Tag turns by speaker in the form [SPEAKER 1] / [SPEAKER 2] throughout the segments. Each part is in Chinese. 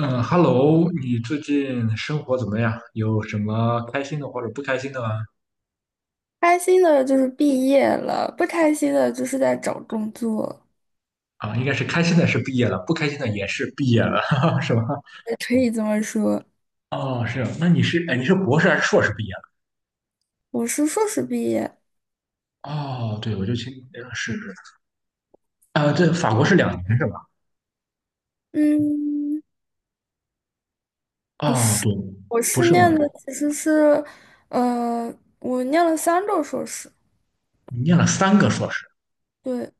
[SPEAKER 1] 嗯，Hello，你最近生活怎么样？有什么开心的或者不开心的吗？
[SPEAKER 2] 开心的就是毕业了，不开心的就是在找工作，
[SPEAKER 1] 啊，应该是开心的是毕业了，不开心的也是毕业了，是吧？
[SPEAKER 2] 也可以这么说。
[SPEAKER 1] 哦，是，那你是，哎，你是博士还是硕士毕业了？
[SPEAKER 2] 我是硕士毕业，
[SPEAKER 1] 哦，对，我就听，啊，对，法国是两年是吧？
[SPEAKER 2] 嗯，不
[SPEAKER 1] 啊，
[SPEAKER 2] 是，
[SPEAKER 1] 对，
[SPEAKER 2] 我
[SPEAKER 1] 不
[SPEAKER 2] 是
[SPEAKER 1] 是
[SPEAKER 2] 念
[SPEAKER 1] 吗？
[SPEAKER 2] 的其实是，呃，我念了三个硕士，
[SPEAKER 1] 你念了三个硕士，
[SPEAKER 2] 对。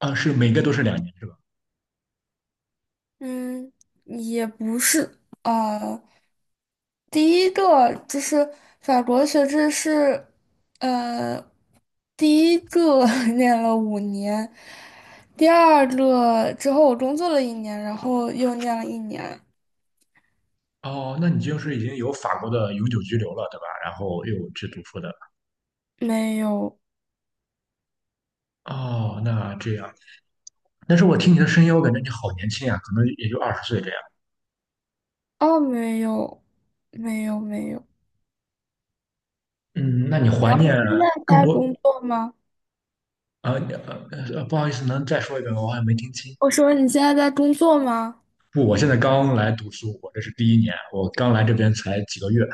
[SPEAKER 1] 啊，是每个都是两年是吧？
[SPEAKER 2] 嗯，也不是，呃，第一个就是法国学制是，呃。第一个 念了五年，第二个之后我工作了一年，然后又念了一年，
[SPEAKER 1] 哦，那你就是已经有法国的永久居留了，对吧？然后又去读书的。
[SPEAKER 2] 没有，
[SPEAKER 1] 哦，那这样。但是我听你的声音，我感觉你好年轻啊，可能也就20岁这样。
[SPEAKER 2] 哦，没有，没有，没有。
[SPEAKER 1] 嗯，那你怀
[SPEAKER 2] 你
[SPEAKER 1] 念
[SPEAKER 2] 现在
[SPEAKER 1] 更
[SPEAKER 2] 在
[SPEAKER 1] 多？
[SPEAKER 2] 工作吗？
[SPEAKER 1] 呃呃不好意思，能再说一遍吗？我好像没听清。
[SPEAKER 2] 我说你现在在工作吗？
[SPEAKER 1] 不，我现在刚来读书，我这是第一年，我刚来这边才几个月。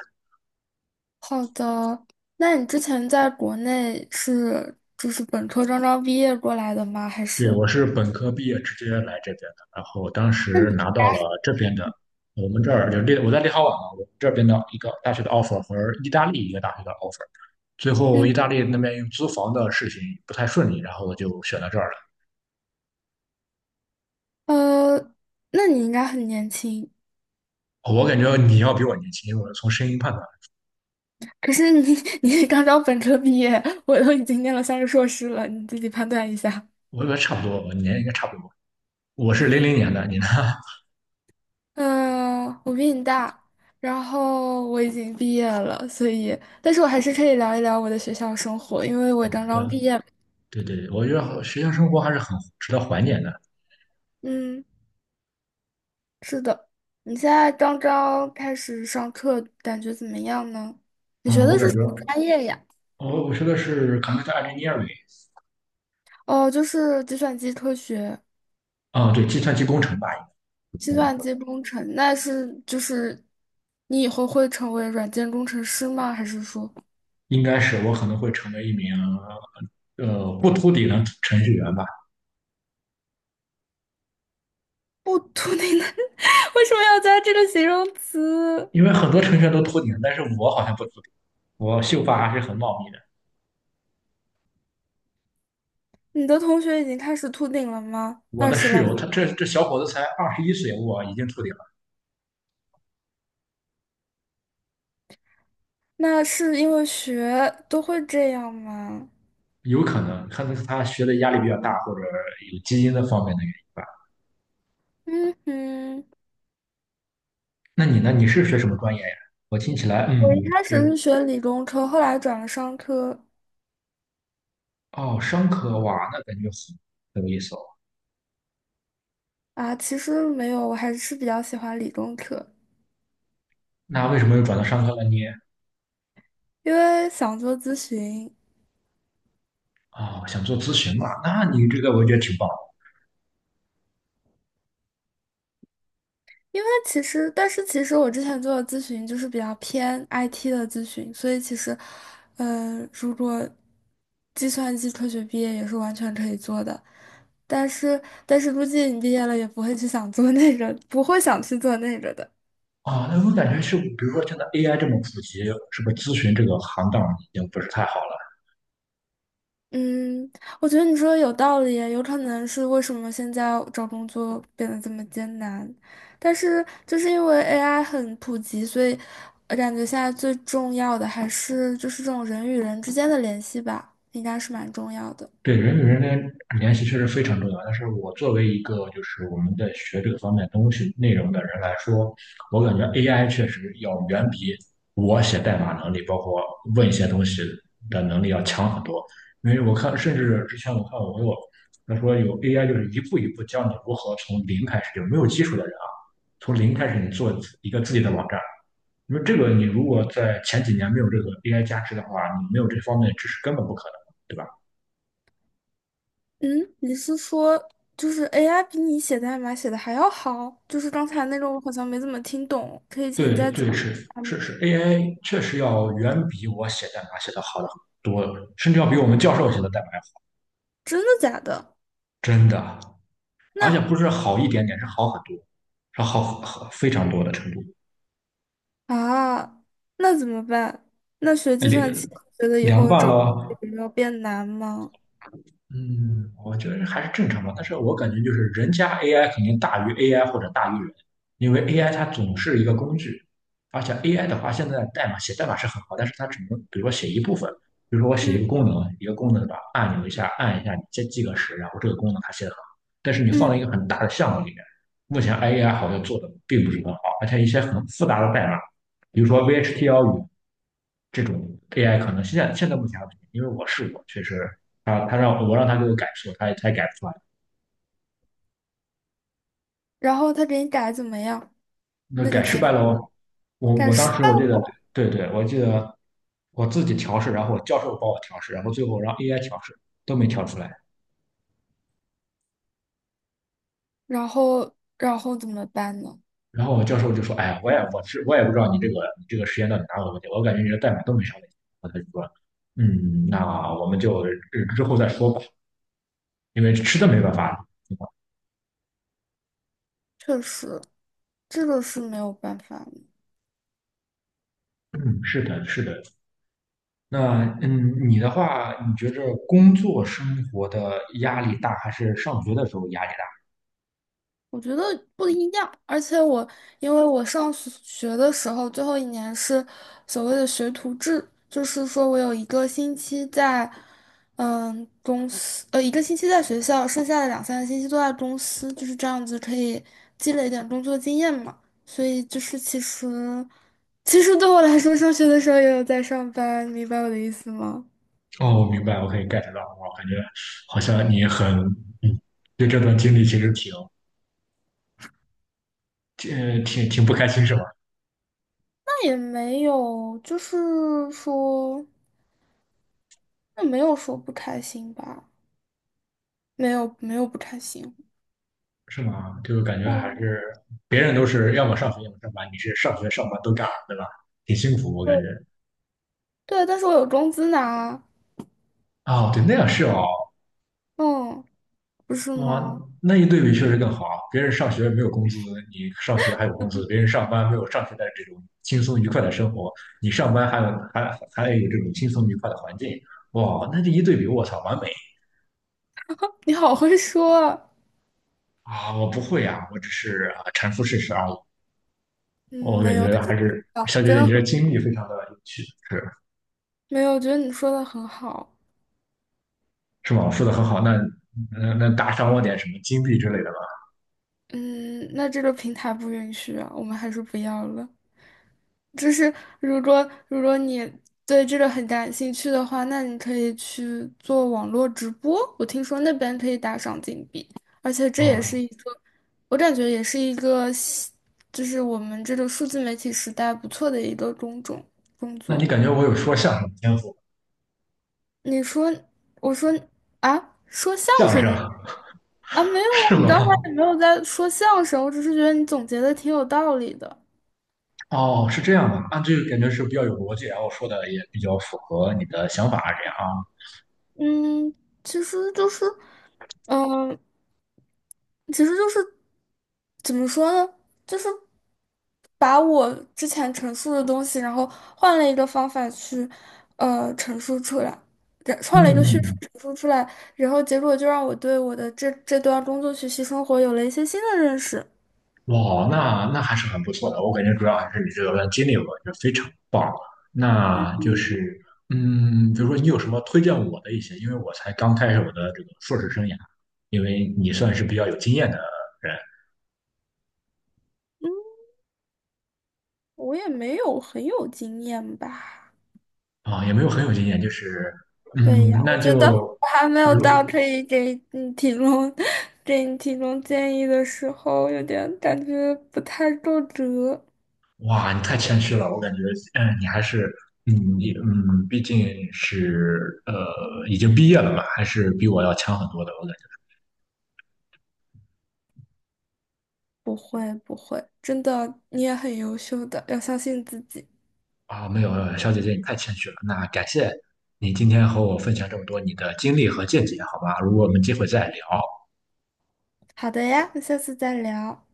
[SPEAKER 2] 好的，那你之前在国内是就是本科刚刚毕业过来的吗？还
[SPEAKER 1] 对，
[SPEAKER 2] 是？
[SPEAKER 1] 我是本科毕业直接来这边的，然后当
[SPEAKER 2] 那
[SPEAKER 1] 时
[SPEAKER 2] 你
[SPEAKER 1] 拿到了这边的，我们这儿我在立陶宛嘛，我们这边的一个大学的 offer 和意大利一个大学的 offer。最后
[SPEAKER 2] 嗯
[SPEAKER 1] 意大利那边用租房的事情不太顺利，然后我就选到这儿来。
[SPEAKER 2] 呃，那你应该很年轻。
[SPEAKER 1] 哦我感觉你要比我年轻，我从声音判断，
[SPEAKER 2] 可是你 你刚刚本科毕业，我都已经念了三个硕士了，你自己判断一下。
[SPEAKER 1] 我觉得差不多，我年龄应该差不多。我是零
[SPEAKER 2] 嗯，
[SPEAKER 1] 零年的，你呢？
[SPEAKER 2] 我比你大，然后我已经毕业了，所以，但是我还是可以聊一聊我的学校生活，因为我
[SPEAKER 1] 好
[SPEAKER 2] 刚刚毕
[SPEAKER 1] 的，
[SPEAKER 2] 业。
[SPEAKER 1] 对对对，我觉得学校生活还是很值得怀念的。
[SPEAKER 2] 嗯，是的。你现在刚刚开始上课，感觉怎么样呢？你学
[SPEAKER 1] 嗯，我
[SPEAKER 2] 的是
[SPEAKER 1] 感
[SPEAKER 2] 什
[SPEAKER 1] 觉，
[SPEAKER 2] 么专业呀？
[SPEAKER 1] 我学的是 computer engineering，
[SPEAKER 2] 哦，就是计算机科学。
[SPEAKER 1] 啊、哦对，计算机工程吧，
[SPEAKER 2] 计
[SPEAKER 1] 应该
[SPEAKER 2] 算
[SPEAKER 1] 说
[SPEAKER 2] 机工程，那是就是你以后会成为软件工程师吗？还是说
[SPEAKER 1] 应该是我可能会成为一名不秃顶的程序员吧，
[SPEAKER 2] 不秃顶的？为什么要加这个形容词？
[SPEAKER 1] 因为很多程序员都秃顶，但是我好像不秃顶，我秀发还是很茂密的。
[SPEAKER 2] 你的同学已经开始秃顶了吗？
[SPEAKER 1] 我
[SPEAKER 2] 二
[SPEAKER 1] 的
[SPEAKER 2] 十
[SPEAKER 1] 室
[SPEAKER 2] 来，
[SPEAKER 1] 友他这小伙子才21岁，我已经秃顶。
[SPEAKER 2] 那是因为学都会这样吗？
[SPEAKER 1] 有可能，可能是他学的压力比较大，或者有基因的方面的原因吧。
[SPEAKER 2] 嗯哼。
[SPEAKER 1] 那你呢？你是学什么专业呀？我听起来，
[SPEAKER 2] 我
[SPEAKER 1] 嗯，
[SPEAKER 2] 一开始
[SPEAKER 1] 是
[SPEAKER 2] 是学理工科，后来转了商科。
[SPEAKER 1] 哦，商科哇，那感觉很有意思哦。
[SPEAKER 2] 啊，其实没有，我还是比较喜欢理工科，
[SPEAKER 1] 那为什么又转到商科了呢？
[SPEAKER 2] 因为想做咨询。
[SPEAKER 1] 啊，想做咨询嘛？那你这个我觉得挺棒的
[SPEAKER 2] 因为其实，但是其实我之前做的咨询就是比较偏 IT 的咨询，所以其实，如果计算机科学毕业也是完全可以做的。但是，但是估计你毕业了也不会去想做那个，不会想去做那个的。
[SPEAKER 1] 啊。哦那我感觉是，比如说现在 AI 这么普及，是不是咨询这个行当已经不是太好了？
[SPEAKER 2] 嗯，我觉得你说的有道理，有可能是为什么现在找工作变得这么艰难，但是就是因为 AI 很普及，所以我感觉现在最重要的还是就是这种人与人之间的联系吧，应该是蛮重要的。
[SPEAKER 1] 对人与人的联系确实非常重要，但是我作为一个就是我们在学这个方面东西内容的人来说，我感觉 AI 确实要远比我写代码能力，包括问一些东西的能力要强很多。因为我看，甚至之前我看我有他说有 AI 就是一步一步教你如何从零开始，就没有基础的人啊，从零开始你做一个自己的网站。因为这个你如果在前几年没有这个 AI 加持的话，你没有这方面的知识根本不可能，对吧？
[SPEAKER 2] 嗯，你是说就是 AI 比你写代码写的还要好？就是刚才那个我好像没怎么听懂，可以请你
[SPEAKER 1] 对
[SPEAKER 2] 再讲。
[SPEAKER 1] 对是是是，AI 确实要远比我写代码写的好的很多，甚至要比我们教授写的代码要好，
[SPEAKER 2] 真的假的？
[SPEAKER 1] 真的，而且
[SPEAKER 2] 那。
[SPEAKER 1] 不是好一点点，是好很多，是好好非常多的程度，
[SPEAKER 2] 啊，那怎么办？那学计
[SPEAKER 1] 两
[SPEAKER 2] 算机，觉得以
[SPEAKER 1] 两
[SPEAKER 2] 后
[SPEAKER 1] 半
[SPEAKER 2] 找
[SPEAKER 1] 了
[SPEAKER 2] 工作
[SPEAKER 1] 哦。
[SPEAKER 2] 有没有变难吗？
[SPEAKER 1] 嗯，我觉得还是正常吧，但是我感觉就是人家 AI 肯定大于 AI 或者大于人，因为 AI 它总是一个工具，而且 AI 的话，现在写代码是很好，但是它只能比如说写一部分，比如说我写一
[SPEAKER 2] 嗯
[SPEAKER 1] 个功能，一个功能的按钮一下按一下，你再记个时，然后这个功能它写的很好，但是你放
[SPEAKER 2] 嗯，
[SPEAKER 1] 在一个很大的项目里面，目前 AI 好像做的并不是很好，而且一些很复杂的代码，比如说 v h T l 语这种 AI 可能现在目前还不行，因为我试过，确实他让他给我改错，他也改不出来，
[SPEAKER 2] 然后他给你改怎么样？
[SPEAKER 1] 那
[SPEAKER 2] 那个
[SPEAKER 1] 改
[SPEAKER 2] 结
[SPEAKER 1] 失
[SPEAKER 2] 果
[SPEAKER 1] 败了我我
[SPEAKER 2] 改
[SPEAKER 1] 我当
[SPEAKER 2] 失
[SPEAKER 1] 时我
[SPEAKER 2] 败
[SPEAKER 1] 记得对对，我记得我自己调试，然后我教授帮我调试，然后最后让 AI 调试都没调出来，
[SPEAKER 2] 然后怎么办呢？
[SPEAKER 1] 然后我教授就说，哎呀，我也不知道你这个实验到底哪有问题，我感觉你的代码都没啥问题，然后他就说，嗯，那我们就之后再说吧，因为实在没办法了。
[SPEAKER 2] 确实，这个是没有办法。
[SPEAKER 1] 嗯，是的，是的，那，你的话，你觉着工作生活的压力大，还是上学的时候压力
[SPEAKER 2] 我觉得不一样，而且我因为我上学学的时候，最后一年是所谓的学徒制，就是说我有一个星期在，公司，一个星期在学校，剩下的两三个星期都在公司，就是这样子可以积累一点工作经验嘛。所以就是其实，其实对我来说，上学的时候也有在上班，明白我的意思吗？
[SPEAKER 1] 大？哦，我明白，我可以 get 到。我感觉好像你很，嗯，对这段经历其实挺不开心，是吧？
[SPEAKER 2] 那也没有，就是说，那没有说不开心吧。没有没有不开心。
[SPEAKER 1] 是吗？就感觉还
[SPEAKER 2] 哦，
[SPEAKER 1] 是别人都是要么上学，要么上班，你是上学上班都干，对吧？挺辛苦，我感觉。
[SPEAKER 2] 对，对，但是我有工资拿，
[SPEAKER 1] 哦，对，那样是哦。
[SPEAKER 2] 嗯，不是
[SPEAKER 1] 哇，
[SPEAKER 2] 吗？
[SPEAKER 1] 那一对比确实更好啊。别人上学没有工资，你上学还有工资；别人上班没有上学的这种轻松愉快的生活，你上班还有这种轻松愉快的环境。哇，那这一对比，我操，完美
[SPEAKER 2] 你好会说啊。
[SPEAKER 1] 啊！我不会啊，我只是啊阐述事实而已。
[SPEAKER 2] 嗯，
[SPEAKER 1] 我
[SPEAKER 2] 没
[SPEAKER 1] 感
[SPEAKER 2] 有，
[SPEAKER 1] 觉
[SPEAKER 2] 但
[SPEAKER 1] 还
[SPEAKER 2] 是
[SPEAKER 1] 是
[SPEAKER 2] 啊，
[SPEAKER 1] 小姐
[SPEAKER 2] 真
[SPEAKER 1] 姐，
[SPEAKER 2] 的
[SPEAKER 1] 你这
[SPEAKER 2] 很
[SPEAKER 1] 经历非常的有趣，是
[SPEAKER 2] 没有，我觉得你说的很好。
[SPEAKER 1] 是吗？说的很好。那打赏我点什么金币之类的吧？
[SPEAKER 2] 嗯，那这个平台不允许啊，我们还是不要了。就是如果你对这个很感兴趣的话，那你可以去做网络直播。我听说那边可以打赏金币，而且这也
[SPEAKER 1] 啊，
[SPEAKER 2] 是一个，我感觉也是一个新就是我们这个数字媒体时代不错的一个工种工
[SPEAKER 1] 那你
[SPEAKER 2] 作。
[SPEAKER 1] 感觉我有说相声的天赋？
[SPEAKER 2] 你说，我说啊，说相
[SPEAKER 1] 相
[SPEAKER 2] 声
[SPEAKER 1] 声
[SPEAKER 2] 的啊，没有啊，
[SPEAKER 1] 是
[SPEAKER 2] 你
[SPEAKER 1] 吗？
[SPEAKER 2] 刚才也没有在说相声，我只是觉得你总结的挺有道理的。
[SPEAKER 1] 哦，是这样的，那这个感觉是比较有逻辑，然后说的也比较符合你的想法，这样啊。
[SPEAKER 2] 嗯，其实就是，嗯。其实就是怎么说呢，就是把我之前陈述的东西，然后换了一个方法去陈述出来，然换了一个叙述
[SPEAKER 1] 嗯，
[SPEAKER 2] 陈述出来，然后结果就让我对我的这段工作学习生活有了一些新的认识。
[SPEAKER 1] 哇，那还是很不错的，我感觉主要还是你这段经历，我感觉非常棒。那就是，比如说你有什么推荐我的一些，因为我才刚开始我的这个硕士生涯，因为你算是比较有经验的人
[SPEAKER 2] 我也没有很有经验吧？
[SPEAKER 1] 啊，也没有很有经验，就是，
[SPEAKER 2] 对呀，我
[SPEAKER 1] 那
[SPEAKER 2] 觉得
[SPEAKER 1] 就
[SPEAKER 2] 我还没
[SPEAKER 1] 比
[SPEAKER 2] 有到
[SPEAKER 1] 如。
[SPEAKER 2] 可以给你提供 给你提供建议的时候，有点感觉不太够格。
[SPEAKER 1] 哇，你太谦虚了，我感觉，你还是，你，毕竟是，已经毕业了嘛，还是比我要强很多的，我感觉。
[SPEAKER 2] 不会不会，真的，你也很优秀的，要相信自己。
[SPEAKER 1] 啊，没有，小姐姐，你太谦虚了。那感谢你今天和我分享这么多你的经历和见解，好吧？如果我们机会再聊。
[SPEAKER 2] 好的呀，那下次再聊。